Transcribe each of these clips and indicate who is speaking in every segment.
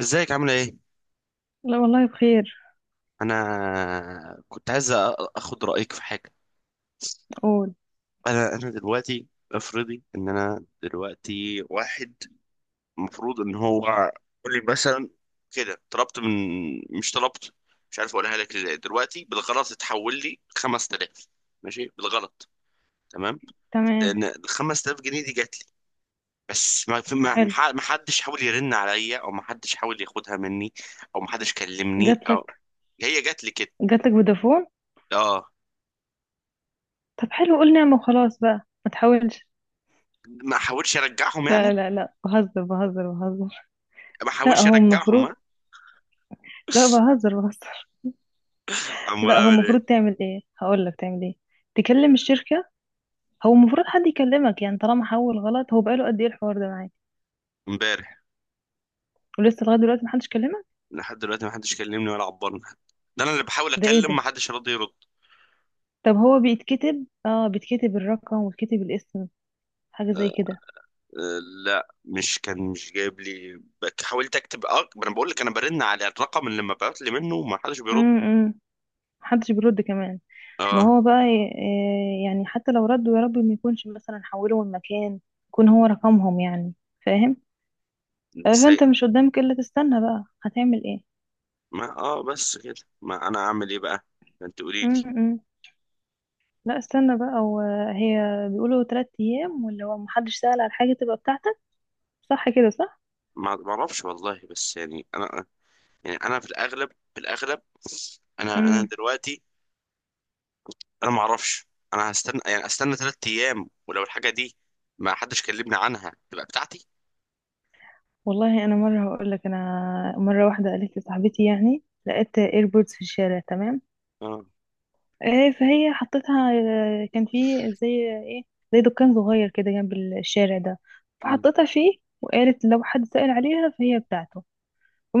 Speaker 1: ازيك؟ عامله ايه؟
Speaker 2: لا والله بخير.
Speaker 1: انا كنت عايز اخد رايك في حاجه.
Speaker 2: قول.
Speaker 1: انا دلوقتي افرضي ان انا دلوقتي واحد. المفروض ان هو يقول لي مثلا كده، طلبت من، مش طلبت، مش عارف اقولها لك ازاي. دلوقتي بالغلط اتحول لي 5000، ماشي، بالغلط، تمام.
Speaker 2: تمام.
Speaker 1: لان ال 5000 جنيه دي جات لي بس ما في- ما
Speaker 2: حلو.
Speaker 1: ما- ما حدش حاول يرن عليا، او ما حدش حاول ياخدها مني، او ما حدش كلمني، او
Speaker 2: جاتلك.
Speaker 1: هي جات لي كده.
Speaker 2: جاتلك فودافون؟
Speaker 1: اه،
Speaker 2: طب حلو، قول نعمة وخلاص بقى. ما تحاولش.
Speaker 1: ما احاولش ارجعهم يعني؟
Speaker 2: لا لا لا، بهزر بهزر بهزر.
Speaker 1: ما
Speaker 2: لا
Speaker 1: احاولش
Speaker 2: هو
Speaker 1: ارجعهم،
Speaker 2: المفروض.
Speaker 1: ها؟
Speaker 2: لا بهزر بهزر.
Speaker 1: امال
Speaker 2: لا هو
Speaker 1: اعمل
Speaker 2: المفروض
Speaker 1: ايه؟
Speaker 2: تعمل ايه، هقول لك تعمل ايه. تكلم الشركة. هو المفروض حد يكلمك، يعني طالما حول غلط. هو بقاله قد ايه الحوار ده معاك؟
Speaker 1: امبارح،
Speaker 2: ولسه لغاية دلوقتي محدش كلمك؟
Speaker 1: لحد دلوقتي ما حدش كلمني ولا عبرني. ده انا اللي بحاول
Speaker 2: ده ايه
Speaker 1: اكلم، ما
Speaker 2: ده؟
Speaker 1: حدش راضي يرد.
Speaker 2: طب هو بيتكتب الرقم ويتكتب الاسم. حاجة
Speaker 1: أه،
Speaker 2: زي كده.
Speaker 1: أه. لا، مش جايب لي، حاولت اكتب. اه ما انا بقول لك انا برن على الرقم اللي مبعوت لي منه وما حدش بيرد.
Speaker 2: امم امم. محدش بيرد كمان. ما
Speaker 1: اه.
Speaker 2: هو بقى. يعني حتى لو ردوا، يا رب ما يكونش مثلا حولوا المكان. يكون هو رقمهم يعني. فاهم؟
Speaker 1: ازاي؟
Speaker 2: فانت مش قدامك الا تستنى بقى، هتعمل ايه؟
Speaker 1: ما بس كده. ما انا اعمل ايه بقى؟ ما انت قولي لي.
Speaker 2: امم لا، استنى بقى وهي. بيقولوا 3 ايام، واللي هو محدش سأل على حاجة تبقى بتاعتك. صح كده، صح.
Speaker 1: ما اعرفش والله، بس يعني انا، يعني انا في الاغلب، في الاغلب، انا
Speaker 2: امم
Speaker 1: دلوقتي، انا ما اعرفش. انا هستنى، يعني استنى ثلاث ايام، ولو الحاجه دي ما حدش كلمني عنها تبقى بتاعتي.
Speaker 2: والله انا مرة هقول لك، انا مرة واحدة قالت لي صاحبتي، يعني لقيت ايربودز في الشارع، تمام.
Speaker 1: اه.
Speaker 2: فهي حطيتها. كان فيه زي ايه، زي دكان صغير كده جنب الشارع ده،
Speaker 1: مم.
Speaker 2: فحطيتها فيه. وقالت لو حد سأل عليها فهي بتاعته.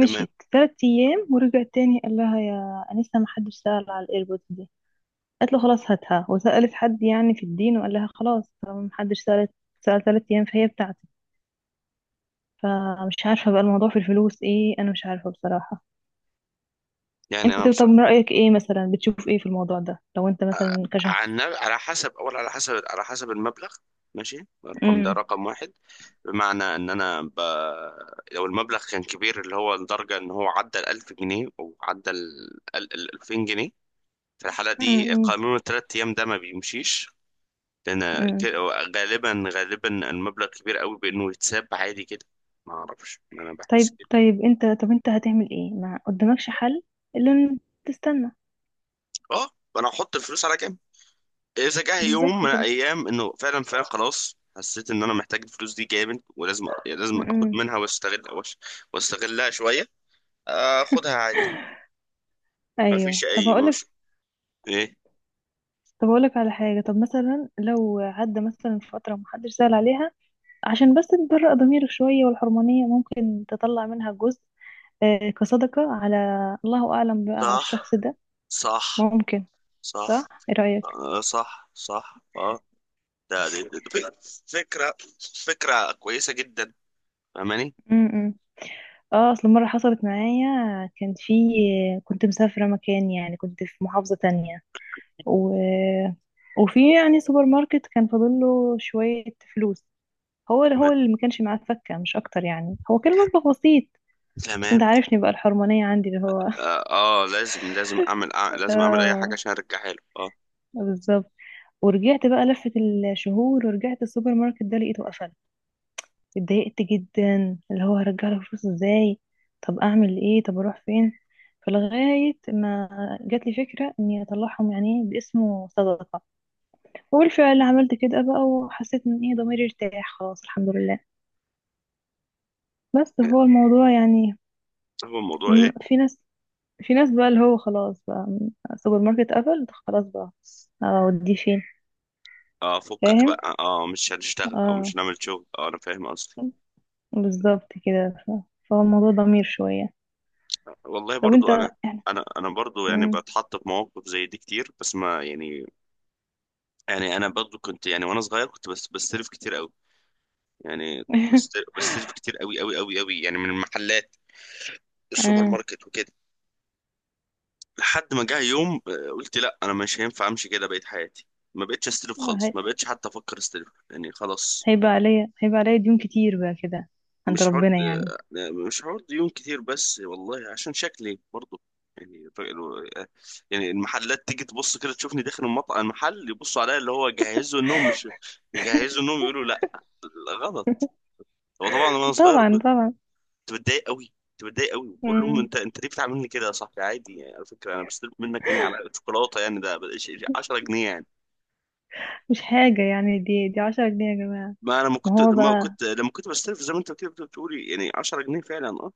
Speaker 1: تمام.
Speaker 2: 3 ايام ورجعت تاني. قال لها: يا انسه، ما حدش سأل على الايربودز دي. قالت له: خلاص هاتها. وسألت حد يعني في الدين، وقال لها: خلاص طالما ما حدش سأل 3 ايام فهي بتاعتي. فمش عارفه بقى الموضوع في الفلوس ايه، انا مش عارفه بصراحه.
Speaker 1: يعني انا
Speaker 2: انت طب من رأيك ايه، مثلا بتشوف ايه في الموضوع ده لو انت مثلا كشخص؟
Speaker 1: على حسب، اول على حسب، على حسب المبلغ. ماشي، الرقم ده
Speaker 2: امم
Speaker 1: رقم واحد، بمعنى ان انا لو المبلغ كان كبير اللي هو لدرجه ان هو عدى ال 1000 جنيه، او عدى 2000 جنيه، في الحاله
Speaker 2: امم
Speaker 1: دي
Speaker 2: امم
Speaker 1: قانون الثلاث ايام ده ما بيمشيش. لأن ك-
Speaker 2: إمم.
Speaker 1: غالبا غالبا المبلغ كبير قوي، بإنه يتساب عادي كده. ما أعرفش، ما أنا بحس
Speaker 2: طيب
Speaker 1: كده.
Speaker 2: طيب، انت طب انت هتعمل ايه؟ ما قدامكش حل الا ان تستنى.
Speaker 1: أه، أنا هحط الفلوس على جنب. إذا جه يوم
Speaker 2: بالظبط
Speaker 1: من
Speaker 2: كده.
Speaker 1: الأيام إنه فعلا فعلا خلاص حسيت إن أنا محتاج الفلوس دي جامد، ولازم لازم آخد
Speaker 2: م-م.
Speaker 1: منها، واستغل واستغلها شوية، آخدها عادي. ما فيش
Speaker 2: ايوه، طب
Speaker 1: أي
Speaker 2: هقولك.
Speaker 1: مش، إيه.
Speaker 2: طب هقولك على حاجه، طب مثلا لو عدى مثلا فتره محدش سأل عليها، عشان بس تبرأ ضميرك شويه، والحرمانيه ممكن تطلع منها جزء كصدقه على الله اعلم بقى على
Speaker 1: صح،
Speaker 2: الشخص ده.
Speaker 1: صح،
Speaker 2: ممكن.
Speaker 1: صح.
Speaker 2: صح، ايه رأيك؟
Speaker 1: آه، صح، صح، أه. ده دي دي- دي فك- فكرة. فكرة كويسة جدا، فاهماني؟
Speaker 2: م-م. اه، اصل مره حصلت معايا. كان في. كنت مسافره مكان، يعني كنت في محافظه تانية. و... وفي يعني سوبر ماركت كان فاضل له شوية فلوس. هو
Speaker 1: تمام،
Speaker 2: اللي ما كانش معاه فكة، مش أكتر، يعني هو كان مبلغ بسيط. بس
Speaker 1: تمام.
Speaker 2: أنت عارفني بقى الحرمانية عندي اللي هو
Speaker 1: اه لازم لازم اعمل، لازم اعمل اي حاجه
Speaker 2: آه.
Speaker 1: عشان ارجعها له، اه.
Speaker 2: بالظبط. ورجعت بقى لفة الشهور ورجعت السوبر ماركت ده لقيته قفل. اتضايقت جدا، اللي هو هرجع له فلوس ازاي؟ طب اعمل ايه؟ طب اروح فين؟ فلغاية ما جات لي فكرة اني اطلعهم يعني باسمه صدقة. وبالفعل عملت كده بقى، وحسيت ان ايه ضميري ارتاح، خلاص الحمد لله. بس هو الموضوع يعني.
Speaker 1: هو الموضوع ايه؟
Speaker 2: في ناس. في ناس بقى اللي هو خلاص بقى، سوبر ماركت قفل خلاص بقى، اوديه فين؟
Speaker 1: اه فكك
Speaker 2: فاهم.
Speaker 1: بقى، مش هنشتغل، او مش
Speaker 2: اه.
Speaker 1: هنعمل شغل، انا فاهم قصدي.
Speaker 2: بالظبط كده فهو الموضوع ضمير شوية.
Speaker 1: والله
Speaker 2: طب انت،
Speaker 1: برضو انا،
Speaker 2: يعني.
Speaker 1: انا برضو يعني
Speaker 2: مم.
Speaker 1: بتحط في مواقف زي دي كتير، بس ما يعني، يعني انا برضو كنت، يعني وانا صغير كنت بس بستلف كتير قوي. يعني كنت بستلف كتير قوي قوي قوي قوي، يعني من المحلات السوبر
Speaker 2: آه.
Speaker 1: ماركت وكده. لحد ما جه يوم قلت لا، انا مش هينفع امشي كده بقيت حياتي. ما بقتش استلف خالص،
Speaker 2: وهي-
Speaker 1: ما بقتش حتى افكر استلف يعني خلاص.
Speaker 2: هيبقى عليا ديون كتير بقى كده، عند
Speaker 1: مش حوار.
Speaker 2: ربنا يعني.
Speaker 1: مش حوار ديون كتير، بس والله عشان شكلي برضه. يعني ف- يعني المحلات تيجي تبص كده تشوفني داخل المطعم المحل، يبصوا عليا اللي هو جهزوا انهم مش، يجهزوا انهم يقولوا لا. غلط. هو طبعا وانا صغير
Speaker 2: طبعا
Speaker 1: كنت
Speaker 2: طبعا.
Speaker 1: بتضايق قوي، كنت بتضايق قوي بقول لهم،
Speaker 2: مم.
Speaker 1: انت ليه بتعاملني كده يا صاحبي؟ عادي يعني، على فكره انا بستلف منك يعني على شوكولاته، يعني ده 10 جنيه يعني.
Speaker 2: مش حاجة يعني دي 10 جنيه يا جماعة.
Speaker 1: ما انا ما
Speaker 2: ما
Speaker 1: كنت،
Speaker 2: هو
Speaker 1: لما
Speaker 2: بقى.
Speaker 1: كنت لما كنت بستلف زي ما انت كده بتقولي يعني 10 جنيه فعلا، اه.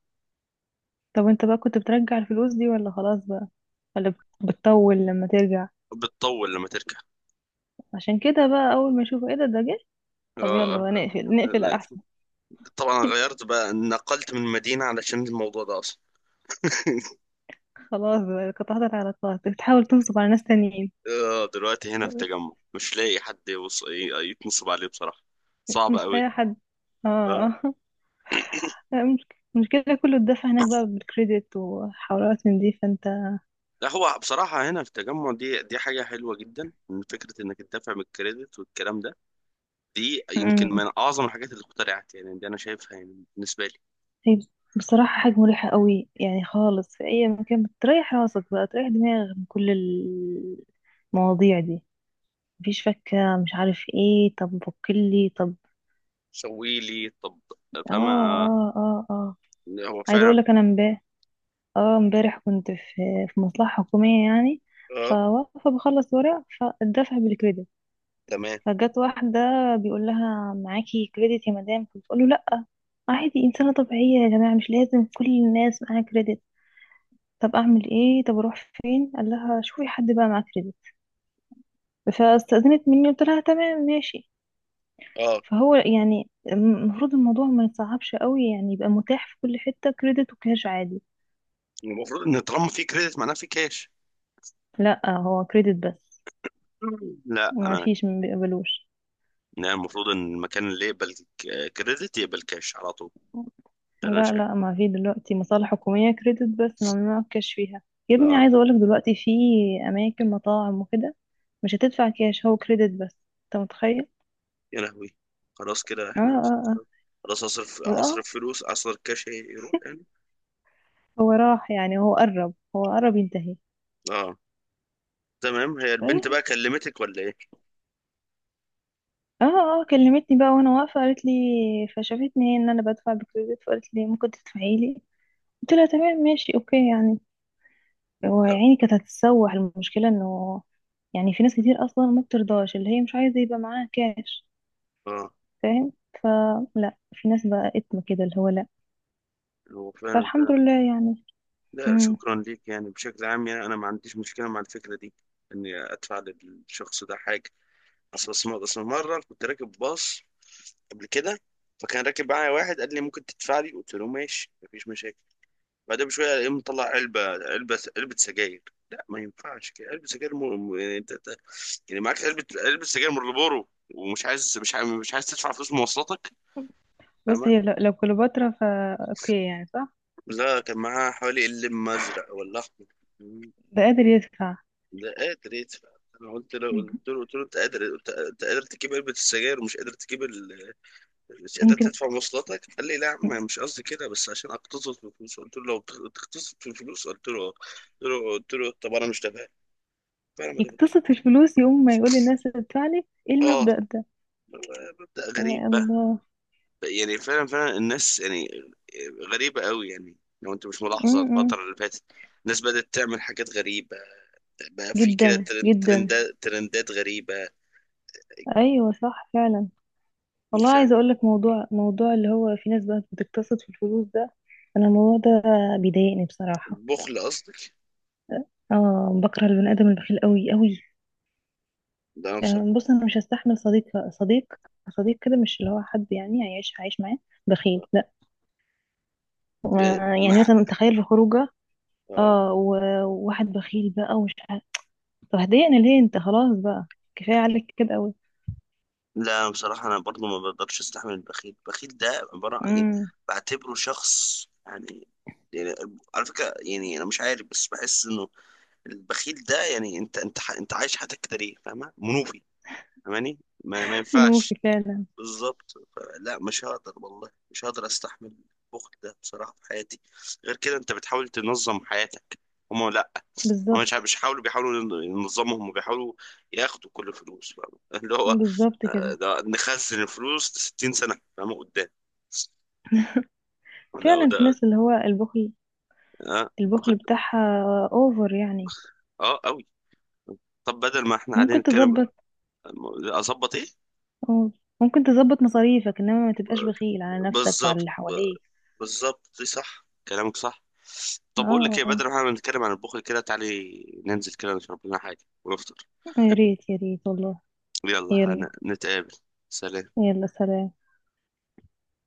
Speaker 2: طب انت بقى كنت بترجع الفلوس دي ولا خلاص بقى؟ ولا بتطول لما ترجع؟
Speaker 1: بتطول لما تركب.
Speaker 2: عشان كده بقى اول ما يشوفوا ايه ده، ده جه. طب يلا
Speaker 1: آه،
Speaker 2: بقى نقفل احسن.
Speaker 1: طبعا غيرت بقى، نقلت من مدينة علشان الموضوع ده أصلا.
Speaker 2: خلاص بقى قطعت العلاقات، بتحاول تنصب على ناس تانيين؟
Speaker 1: دلوقتي هنا في التجمع مش لاقي حد يتنصب عليه بصراحة. صعب
Speaker 2: مش
Speaker 1: قوي.
Speaker 2: لاقي حد.
Speaker 1: اه.
Speaker 2: اه مش- المشكلة كله اتدفع هناك بقى بالكريدت وحوارات من دي، فانت.
Speaker 1: لا، هو بصراحة هنا في التجمع دي حاجة حلوة جدا، إن فكرة إنك تدافع من الكريدت والكلام ده، دي يمكن
Speaker 2: مم.
Speaker 1: من أعظم الحاجات اللي اخترعت. يعني دي أنا شايفها يعني بالنسبة لي.
Speaker 2: هي بصراحة حاجة مريحة قوي يعني خالص، في اي مكان بتريح راسك بقى، تريح دماغك من كل المواضيع دي. مفيش فكة، مش عارف ايه، طب وكلي طب.
Speaker 1: سوي لي طب.
Speaker 2: اه
Speaker 1: فما آه،
Speaker 2: اه اه اه.
Speaker 1: هو
Speaker 2: عايزة
Speaker 1: فعلا.
Speaker 2: اقول لك انا امبارح. اه، امبارح كنت في، في مصلحة حكومية يعني.
Speaker 1: اه،
Speaker 2: فواقفة بخلص ورق، فالدفع بالكريدت.
Speaker 1: تمام،
Speaker 2: فجت واحدة. بيقول لها: معاكي كريدت يا مدام؟ فبتقول له: لا. عادي، إنسانة طبيعية يا جماعة، مش لازم كل الناس معاها كريدت. طب أعمل إيه؟ طب أروح فين؟ قال لها: شوفي حد بقى معاه كريدت. فاستأذنت مني، قلت لها: تمام ماشي.
Speaker 1: اه.
Speaker 2: فهو يعني المفروض الموضوع ما يتصعبش قوي، يعني يبقى متاح في كل حتة كريدت وكاش عادي.
Speaker 1: المفروض إن طالما في كريدت معناه في كاش.
Speaker 2: لا هو كريدت بس.
Speaker 1: لا
Speaker 2: ما
Speaker 1: انا.
Speaker 2: فيش، ما بيقبلوش.
Speaker 1: أنا المفروض ان المكان اللي يقبل كريدت يقبل كاش على طول. ده انا
Speaker 2: لا
Speaker 1: شايف.
Speaker 2: لا، ما في دلوقتي مصالح حكومية كريدت بس، ممنوع الكاش فيها. يا ابني
Speaker 1: اه،
Speaker 2: عايزة اقولك دلوقتي في اماكن مطاعم وكده، مش هتدفع كاش، هو كريدت بس. انت متخيل؟
Speaker 1: يا لهوي! خلاص كده
Speaker 2: اه
Speaker 1: احنا،
Speaker 2: اه اه.
Speaker 1: خلاص، اصرف
Speaker 2: واه.
Speaker 1: اصرف فلوس، اصرف كاش، يروح يعني.
Speaker 2: هو راح يعني، هو قرب ينتهي.
Speaker 1: اه. تمام، هي البنت بقى كلمتك ولا ايه؟
Speaker 2: اه. اه كلمتني بقى وانا واقفه، قالت لي. فشافتني هي ان انا بدفع بكريدت، فقالت لي: ممكن تدفعي لي؟ قلت لها: تمام ماشي، اوكي يعني. هو يا
Speaker 1: لا.
Speaker 2: عيني كانت هتتسوح المشكله، انه يعني في ناس كتير اصلا ما بترضاش، اللي هي مش عايزه يبقى معاها كاش،
Speaker 1: اه.
Speaker 2: فاهم. فلا، في ناس بقى اتم كده اللي هو لا.
Speaker 1: هو فعلا
Speaker 2: فالحمد
Speaker 1: فعلا.
Speaker 2: لله يعني.
Speaker 1: لا
Speaker 2: امم
Speaker 1: شكرا ليك، يعني بشكل عام يعني انا ما عنديش مشكله مع الفكره دي، اني ادفع للشخص ده حاجه. اصل اصل أصل مره كنت راكب باص قبل كده، فكان راكب معايا واحد قال لي ممكن تدفع لي؟ قلت له ماشي، مفيش مشاكل. بعدها بشوية يقوم مطلع علبة سجاير. لا ما ينفعش كده، علبة سجاير، يعني يعني معاك علبة سجاير مارلبورو، ومش عايز مش عايز مش عايز تدفع فلوس مواصلاتك،
Speaker 2: بص،
Speaker 1: فاهمة؟
Speaker 2: هي لو كليوباترا فا اوكي يعني، صح.
Speaker 1: ده كان معاه حوالي اللم أزرق ولا أحمر.
Speaker 2: ده قادر يدفع.
Speaker 1: لا، قادر يدفع. أنا
Speaker 2: مم.
Speaker 1: قلت له أنت قادر، أنت قادر تجيب علبة السجاير ومش قادر تجيب مش قادر
Speaker 2: يمكن
Speaker 1: تدفع مواصلاتك. قال لي لا يا عم مش قصدي كده، بس عشان أقتصد في الفلوس. قلت له لو بتقتصد في الفلوس، قلت له قلت له طب أنا مش تابع. فأنا ما تابعت.
Speaker 2: يقتصد في الفلوس يقوم ما يقول للناس ادفع لي، ايه
Speaker 1: اه،
Speaker 2: المبدأ ده؟
Speaker 1: مبدأ غريب
Speaker 2: يا
Speaker 1: بقى.
Speaker 2: الله.
Speaker 1: يعني فعلا فعلا الناس يعني غريبة قوي يعني. لو انت مش ملاحظة
Speaker 2: امم
Speaker 1: الفترة اللي فاتت، الناس بدأت تعمل حاجات غريبة. بقى في كده
Speaker 2: جدا جدا.
Speaker 1: ترندات غريبة.
Speaker 2: ايوه صح فعلا.
Speaker 1: انت
Speaker 2: والله عايزه
Speaker 1: فاهم؟
Speaker 2: اقول لك موضوع اللي هو في ناس بقى بتقتصد في الفلوس ده، انا الموضوع ده بيضايقني بصراحه.
Speaker 1: بخل قصدك؟
Speaker 2: اه، بكره البني ادم البخيل قوي قوي.
Speaker 1: ده انا بصراحة،
Speaker 2: آه بص، انا مش هستحمل صديق صديق، صديق كده، مش اللي هو حد يعني عايش معاه بخيل لا.
Speaker 1: يعني
Speaker 2: ما يعني
Speaker 1: مع،
Speaker 2: مثلا تخيل في خروجه،
Speaker 1: اه.
Speaker 2: اه، وواحد بخيل بقى ومش عارف. طب هتضايقني ليه انت؟ خلاص بقى، كفايه عليك كده قوي.
Speaker 1: لا، أنا بصراحة انا برضو ما بقدرش استحمل البخيل. البخيل ده عبارة عن يعني،
Speaker 2: امم
Speaker 1: بعتبره شخص يعني، يعني، على فكرة يعني انا مش عارف بس بحس انه البخيل ده يعني، انت انت عايش حياتك كده ليه؟ فاهمه، منوفي. فاهماني؟ ما ينفعش.
Speaker 2: منوفي فعلا.
Speaker 1: بالظبط. لا مش هقدر والله، مش هقدر استحمل البخل ده بصراحه في حياتي. غير كده انت بتحاول تنظم حياتك، هما لا. هما مش
Speaker 2: بالظبط.
Speaker 1: مش بيحاولوا ينظمهم، وبيحاولوا ياخدوا كل فلوس، فاهمة؟ اللي هو
Speaker 2: بالظبط كده،
Speaker 1: ده نخزن الفلوس 60 سنه فاهمه قدام. لا
Speaker 2: فعلا في
Speaker 1: وده،
Speaker 2: ناس اللي هو البخل،
Speaker 1: اه بخل.
Speaker 2: البخل بتاعها اوفر يعني.
Speaker 1: اه قوي. طب بدل ما احنا قاعدين
Speaker 2: ممكن
Speaker 1: نتكلم،
Speaker 2: تظبط.
Speaker 1: اظبط ايه؟
Speaker 2: اه. ممكن تظبط مصاريفك، انما ما تبقاش بخيل على نفسك وعلى
Speaker 1: بالظبط،
Speaker 2: اللي حواليك.
Speaker 1: بالظبط دي صح كلامك صح.
Speaker 2: اه.
Speaker 1: طب بقول لك ايه،
Speaker 2: آه.
Speaker 1: بدل ما احنا بنتكلم عن البخل كده، تعالي ننزل كده نشرب لنا حاجه ونفطر.
Speaker 2: يا ريت يا ريت والله.
Speaker 1: يلا
Speaker 2: يلا.
Speaker 1: نتقابل. سلام.
Speaker 2: يلا سلام.